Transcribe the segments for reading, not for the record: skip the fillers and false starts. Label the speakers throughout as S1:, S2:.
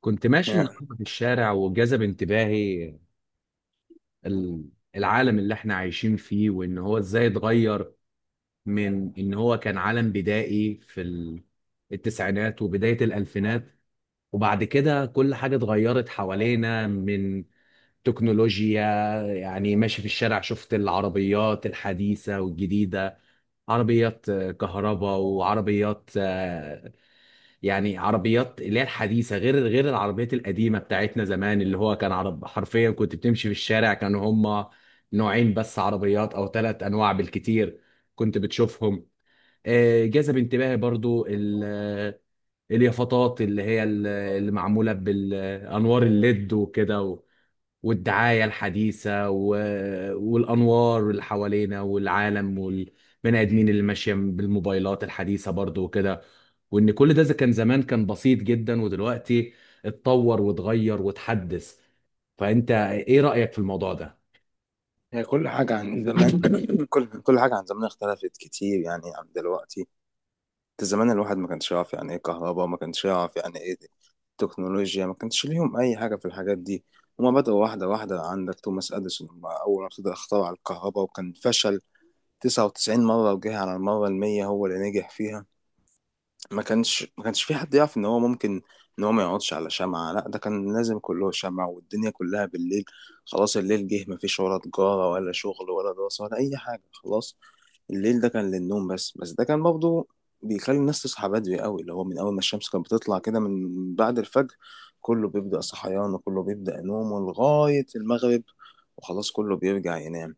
S1: كنت ماشي
S2: يعني
S1: النهارده في الشارع وجذب انتباهي ال- العالم اللي احنا عايشين فيه وان هو ازاي اتغير، من ان هو كان عالم بدائي في التسعينات وبداية الالفينات. وبعد كده كل حاجة اتغيرت حوالينا من تكنولوجيا. يعني ماشي في الشارع شفت العربيات الحديثة والجديدة، عربيات كهرباء، وعربيات يعني عربيات اللي هي الحديثه غير العربيات القديمه بتاعتنا زمان، اللي هو كان عرب حرفيا. كنت بتمشي في الشارع كانوا هما نوعين بس عربيات او ثلاث انواع بالكتير كنت بتشوفهم. جذب انتباهي برضو اليافطات اللي هي اللي معموله بالانوار الليد وكده، والدعاية الحديثة والأنوار اللي حوالينا، والعالم والبني آدمين اللي ماشية بالموبايلات الحديثة برضو وكده. وإن كل ده إذا كان زمان كان بسيط جدا، ودلوقتي اتطور واتغير واتحدث. فأنت إيه رأيك في الموضوع ده؟
S2: هي كل حاجة عن زمان. كل حاجة عن زمان اختلفت كتير يعني عن دلوقتي. انت زمان الواحد ما كانش يعرف يعني ايه كهرباء، ما كانش يعرف يعني ايه تكنولوجيا، ما كانش ليهم أي حاجة في الحاجات دي. هما بدأوا واحدة واحدة. عندك توماس أديسون، هما أول ما ابتدى اخترع الكهرباء وكان فشل 99 مرة، وجه على المرة المية هو اللي نجح فيها. ما كانش في حد يعرف ان هو ممكن ان هو ما يقعدش على شمعة. لا ده كان لازم كله شمعة، والدنيا كلها بالليل خلاص. الليل جه ما فيش ولا تجارة ولا شغل ولا دراسة ولا اي حاجة خلاص. الليل ده كان للنوم بس. بس ده كان برضه بيخلي الناس تصحى بدري قوي، اللي هو من اول ما الشمس كانت بتطلع كده من بعد الفجر كله بيبدأ صحيان، وكله بيبدأ نوم لغاية المغرب وخلاص كله بيرجع ينام.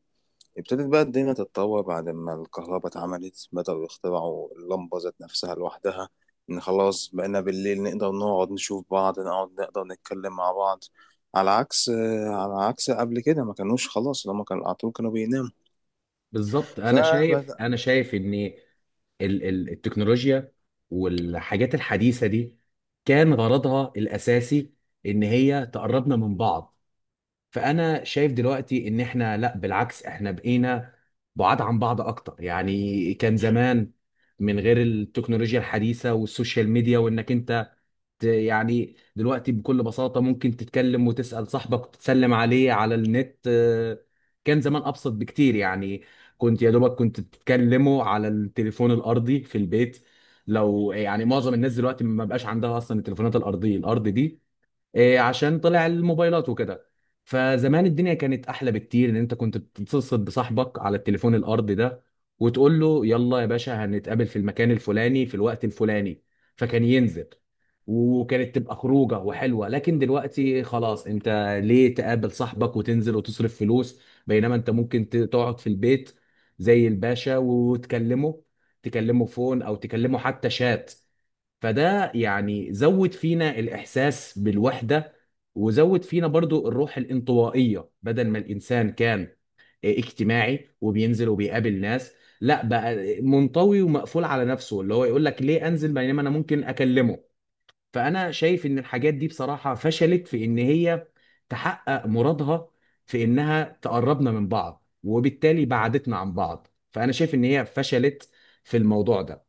S2: ابتدت بقى الدنيا تتطور بعد ما الكهرباء اتعملت، بدأوا يخترعوا اللمبة ذات نفسها لوحدها. إن خلاص بقينا بالليل نقدر نقعد نشوف بعض، نقعد نقدر نتكلم مع بعض، على عكس قبل كده، ما كانوش خلاص لما كان على طول كانوا بيناموا
S1: بالظبط. أنا شايف
S2: فبدأ.
S1: أنا شايف إن التكنولوجيا والحاجات الحديثة دي كان غرضها الأساسي إن هي تقربنا من بعض. فانا شايف دلوقتي ان احنا لا، بالعكس، احنا بقينا بعاد عن بعض اكتر. يعني كان زمان من غير التكنولوجيا الحديثه والسوشيال ميديا، وانك انت يعني دلوقتي بكل بساطه ممكن تتكلم وتسال صاحبك وتسلم عليه على النت. كان زمان ابسط بكتير. يعني كنت يا دوبك كنت بتتكلموا على التليفون الارضي في البيت. لو يعني معظم الناس دلوقتي ما بقاش عندها اصلا التليفونات الارضيه الارض دي، إيه، عشان طلع الموبايلات وكده. فزمان الدنيا كانت احلى بكتير، ان انت كنت بتتصل بصاحبك على التليفون الارضي ده وتقول له يلا يا باشا هنتقابل في المكان الفلاني في الوقت الفلاني، فكان ينزل، وكانت تبقى خروجه وحلوه. لكن دلوقتي خلاص، انت ليه تقابل صاحبك وتنزل وتصرف فلوس، بينما انت ممكن تقعد في البيت زي الباشا وتكلمه، تكلمه فون او تكلمه حتى شات. فده يعني زود فينا الإحساس بالوحدة، وزود فينا برضو الروح الانطوائية، بدل ما الإنسان كان اجتماعي وبينزل وبيقابل ناس، لا بقى منطوي ومقفول على نفسه، اللي هو يقول لك ليه أنزل بينما أنا ممكن أكلمه. فأنا شايف إن الحاجات دي بصراحة فشلت في إن هي تحقق مرادها، في إنها تقربنا من بعض، وبالتالي بعدتنا عن بعض. فأنا شايف إن هي فشلت في الموضوع ده.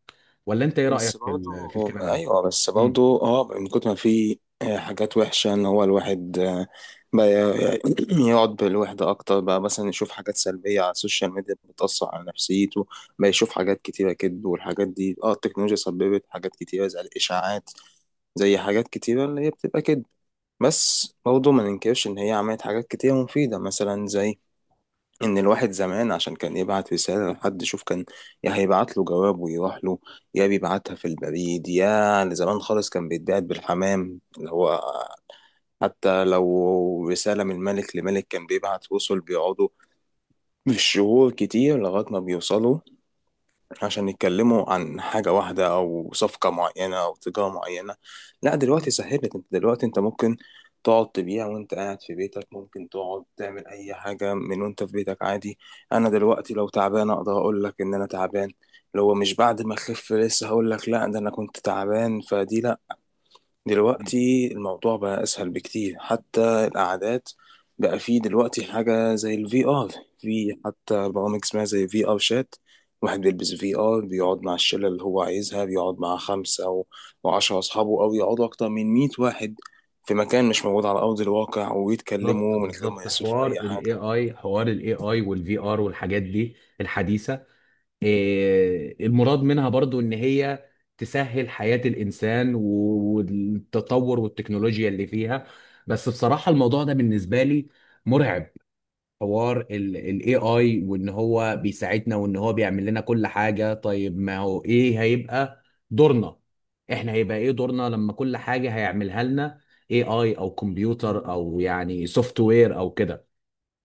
S1: ولا أنت إيه
S2: بس
S1: رأيك في
S2: برضه.
S1: في الكلام ده؟
S2: ايوه، بس برضه اه من كتر ما في حاجات وحشه، ان هو الواحد بقى يقعد بالوحده اكتر، بقى مثلا يشوف حاجات سلبيه على السوشيال ميديا بتاثر على نفسيته، بقى يشوف حاجات كتيره كده. والحاجات دي اه التكنولوجيا سببت حاجات كتيره زي الاشاعات، زي حاجات كتيره اللي هي بتبقى كده. بس برضه ما ننكرش ان هي عملت حاجات كتيره مفيده، مثلا زي ان الواحد زمان عشان كان يبعت رسالة لحد شوف كان يا هيبعت له جواب ويروح له، يا بيبعتها في البريد، يا زمان خالص كان بيتبعت بالحمام. اللي هو حتى لو رسالة من ملك لملك كان بيبعت وصل بيقعدوا بالشهور كتير لغاية ما بيوصلوا، عشان يتكلموا عن حاجة واحدة أو صفقة معينة أو تجارة معينة. لا دلوقتي سهلت، انت دلوقتي انت ممكن تقعد تبيع وانت قاعد في بيتك، ممكن تقعد تعمل أي حاجة من وانت في بيتك عادي. أنا دلوقتي لو تعبان أقدر أقول لك إن أنا تعبان، لو مش بعد ما أخف لسه هقول لك لا ده أنا كنت تعبان فدي لا. دلوقتي الموضوع بقى أسهل بكتير. حتى القعدات بقى فيه دلوقتي حاجة زي الفي ار، في حتى برامج اسمها زي في ار شات. واحد بيلبس في ار بيقعد مع الشلة اللي هو عايزها، بيقعد مع خمسة أو عشرة أصحابه، أو يقعدوا أكتر من مية واحد في مكان مش موجود على أرض الواقع
S1: بالظبط
S2: ويتكلموا من غير ما
S1: بالظبط.
S2: يصرفوا
S1: حوار
S2: أي
S1: الاي
S2: حاجة.
S1: اي حوار الاي اي والفي ار والحاجات دي الحديثه، إيه المراد منها برضو؟ ان هي تسهل حياه الانسان والتطور والتكنولوجيا اللي فيها. بس بصراحه الموضوع ده بالنسبه لي مرعب. حوار الاي اي وان هو بيساعدنا وان هو بيعمل لنا كل حاجه، طيب ما هو ايه هيبقى دورنا؟ احنا هيبقى ايه دورنا لما كل حاجه هيعملها لنا اي اي او كمبيوتر او يعني سوفت وير او كده؟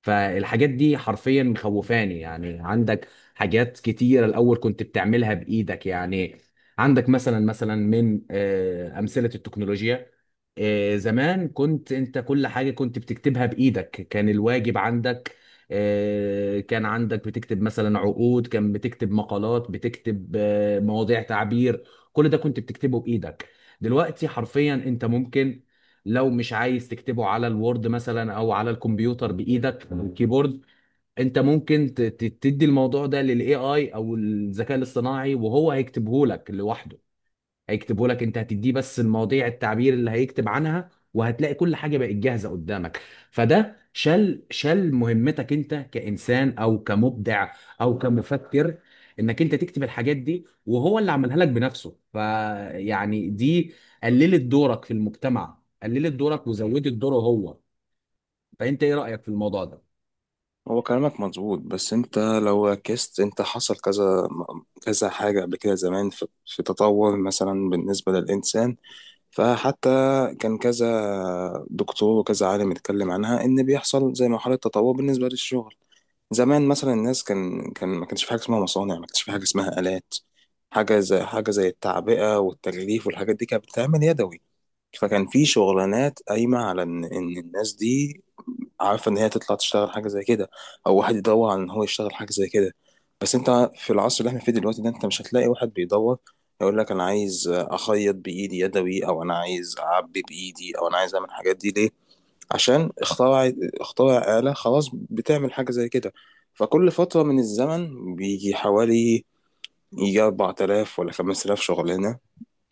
S1: فالحاجات دي حرفيا مخوفاني. يعني عندك حاجات كتيرة الأول كنت بتعملها بإيدك. يعني عندك مثلا من أمثلة التكنولوجيا، زمان كنت أنت كل حاجة كنت بتكتبها بإيدك. كان الواجب عندك، كان عندك بتكتب مثلا عقود، كان بتكتب مقالات، بتكتب مواضيع تعبير، كل ده كنت بتكتبه بإيدك. دلوقتي حرفيا أنت ممكن، لو مش عايز تكتبه على الوورد مثلا او على الكمبيوتر بايدك او الكيبورد، انت ممكن تدي الموضوع ده للاي اي او الذكاء الاصطناعي، وهو هيكتبه لك لوحده. هيكتبه لك، انت هتديه بس المواضيع التعبير اللي هيكتب عنها، وهتلاقي كل حاجه بقت جاهزه قدامك. فده شال مهمتك انت كانسان او كمبدع او كمفكر، انك انت تكتب الحاجات دي، وهو اللي عملها لك بنفسه. فيعني دي قللت دورك في المجتمع، قللت دورك وزودت دوره هو. فانت ايه رايك في الموضوع ده؟
S2: هو كلامك مظبوط، بس انت لو ركزت انت حصل كذا كذا حاجة قبل كده زمان. في تطور مثلا بالنسبة للإنسان، فحتى كذا دكتور وكذا عالم اتكلم عنها ان بيحصل زي مرحلة تطور بالنسبة للشغل. زمان مثلا الناس كان ما كانش في حاجة اسمها مصانع، ما كانش في حاجة اسمها آلات. حاجة زي التعبئة والتغليف والحاجات دي كانت بتتعمل يدوي، فكان في شغلانات قايمة على إن الناس دي عارفة إن هي تطلع تشتغل حاجة زي كده، أو واحد يدور على إن هو يشتغل حاجة زي كده. بس أنت في العصر اللي إحنا فيه دلوقتي ده أنت مش هتلاقي واحد بيدور يقول لك أنا عايز أخيط بإيدي يدوي، أو أنا عايز أعبي بإيدي، أو أنا عايز أعمل الحاجات دي. ليه؟ عشان اخترع، آلة خلاص بتعمل حاجة زي كده. فكل فترة من الزمن بيجي حوالي يجي 4000 ولا 5000 شغلانة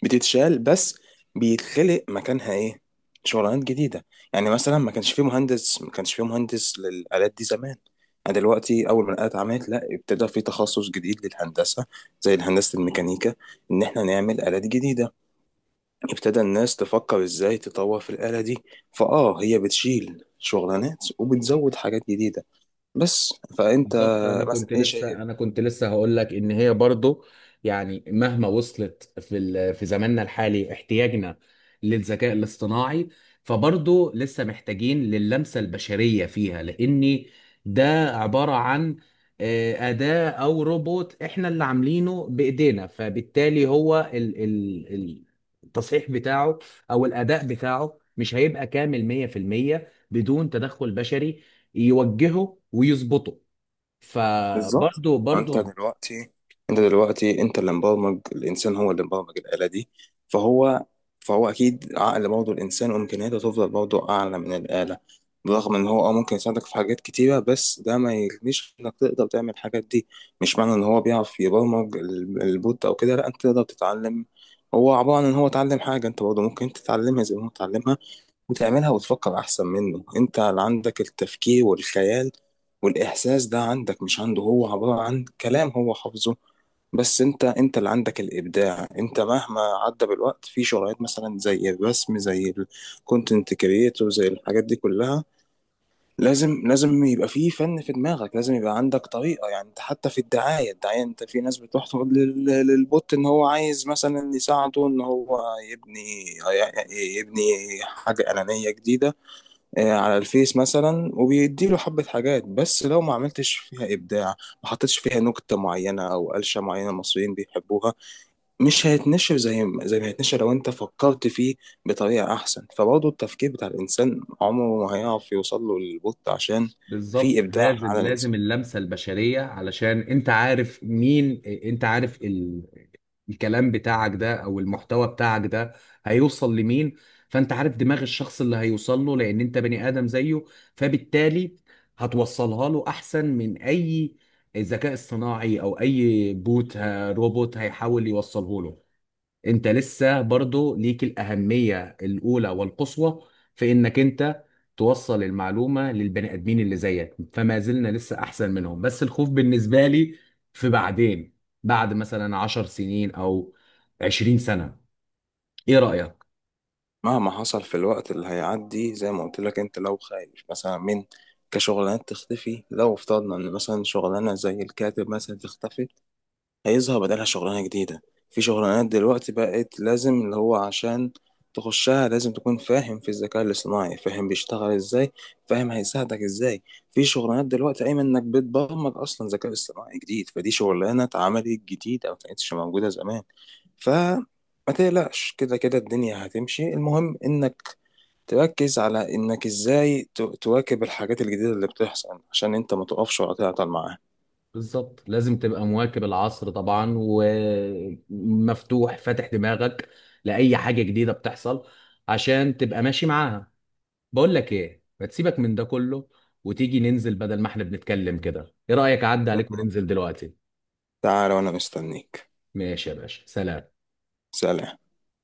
S2: بتتشال، بس بيتخلق مكانها ايه؟ شغلانات جديدة. يعني مثلا ما كانش فيه مهندس للآلات دي زمان. يعني دلوقتي أول ما الآلات عملت لا ابتدى في تخصص جديد للهندسة زي هندسة الميكانيكا، إن إحنا نعمل آلات جديدة. ابتدى الناس تفكر إزاي تطور في الآلة دي. فآه هي بتشيل شغلانات وبتزود حاجات جديدة بس. فأنت
S1: بالظبط. انا
S2: مثلا
S1: كنت
S2: إيه شايف؟
S1: لسه انا كنت لسه هقول لك ان هي برضو، يعني مهما وصلت في في زماننا الحالي احتياجنا للذكاء الاصطناعي، فبرضو لسه محتاجين للمسة البشرية فيها. لان ده عبارة عن أداة او روبوت احنا اللي عاملينه بايدينا، فبالتالي هو التصحيح بتاعه او الاداء بتاعه مش هيبقى كامل 100% بدون تدخل بشري يوجهه ويظبطه.
S2: بالظبط.
S1: فبرضه
S2: انت
S1: برضه،
S2: دلوقتي انت دلوقتي انت اللي مبرمج. الانسان هو اللي مبرمج الآلة دي. فهو فهو اكيد عقل برضه الانسان وامكانياته تفضل برضه اعلى من الآلة. برغم ان هو اه ممكن يساعدك في حاجات كتيرة، بس ده ما يغنيش انك تقدر تعمل الحاجات دي. مش معنى ان هو بيعرف يبرمج البوت او كده لا، انت تقدر تتعلم. هو عبارة عن ان هو اتعلم حاجة، انت برضه ممكن تتعلمها زي ما هو اتعلمها وتعملها وتفكر احسن منه. انت اللي عندك التفكير والخيال والاحساس، ده عندك مش عنده. هو عبارة عن كلام، هو حافظه بس. انت انت اللي عندك الابداع. انت مهما عدى بالوقت في شغلات مثلا زي الرسم، زي الكونتنت كريتور، زي الحاجات دي كلها، لازم لازم يبقى في فن في دماغك، لازم يبقى عندك طريقة. يعني انت حتى في الدعاية، انت في ناس بتروح تقول للبوت ان هو عايز مثلا يساعده ان هو يبني يبني حاجة إعلانية جديدة على الفيس مثلا، وبيديله حبة حاجات، بس لو ما عملتش فيها إبداع، ما حطيتش فيها نكتة معينة أو قلشة معينة المصريين بيحبوها، مش هيتنشر زي ما هيتنشر لو أنت فكرت فيه بطريقة أحسن. فبرضه التفكير بتاع الإنسان عمره ما هيعرف يوصل له للبوت، عشان في
S1: بالظبط.
S2: إبداع في
S1: لازم
S2: عالم
S1: لازم
S2: الإنسان.
S1: اللمسة البشرية، علشان انت عارف مين، انت عارف الكلام بتاعك ده او المحتوى بتاعك ده هيوصل لمين. فانت عارف دماغ الشخص اللي هيوصل له، لان انت بني ادم زيه، فبالتالي هتوصلها له احسن من اي ذكاء اصطناعي او اي بوت روبوت هيحاول يوصله له. انت لسه برضو ليك الأهمية الأولى والقصوى في انك انت توصل المعلومة للبني آدمين اللي زيك. فما زلنا لسه أحسن منهم، بس الخوف بالنسبة لي في بعدين، بعد مثلا 10 سنين أو 20 سنة. إيه رأيك؟
S2: مهما حصل في الوقت اللي هيعدي زي ما قلت لك، أنت لو خايف مثلا من كشغلانات تختفي، لو افترضنا ان مثلا شغلانه زي الكاتب مثلا تختفي، هيظهر بدلها شغلانة جديدة. في شغلانات دلوقتي بقت لازم اللي هو عشان تخشها لازم تكون فاهم في الذكاء الاصطناعي، فاهم بيشتغل ازاي، فاهم هيساعدك ازاي. في شغلانات دلوقتي قايمة انك بتبرمج اصلا ذكاء اصطناعي جديد، فدي شغلانة اتعملت جديد او كانتش موجودة زمان. فما تقلقش، كده كده الدنيا هتمشي. المهم انك تركز على انك ازاي تواكب الحاجات الجديدة اللي بتحصل، عشان انت ما تقفش ولا تعطل معاها.
S1: بالظبط. لازم تبقى مواكب العصر طبعا، ومفتوح فاتح دماغك لأي حاجة جديدة بتحصل، عشان تبقى ماشي معاها. بقول لك ايه، ما تسيبك من ده كله وتيجي ننزل، بدل ما احنا بنتكلم كده، ايه رأيك اعدي عليك
S2: تمام.
S1: وننزل دلوقتي؟
S2: تعال وانا مستنيك.
S1: ماشي يا باشا، سلام.
S2: سلام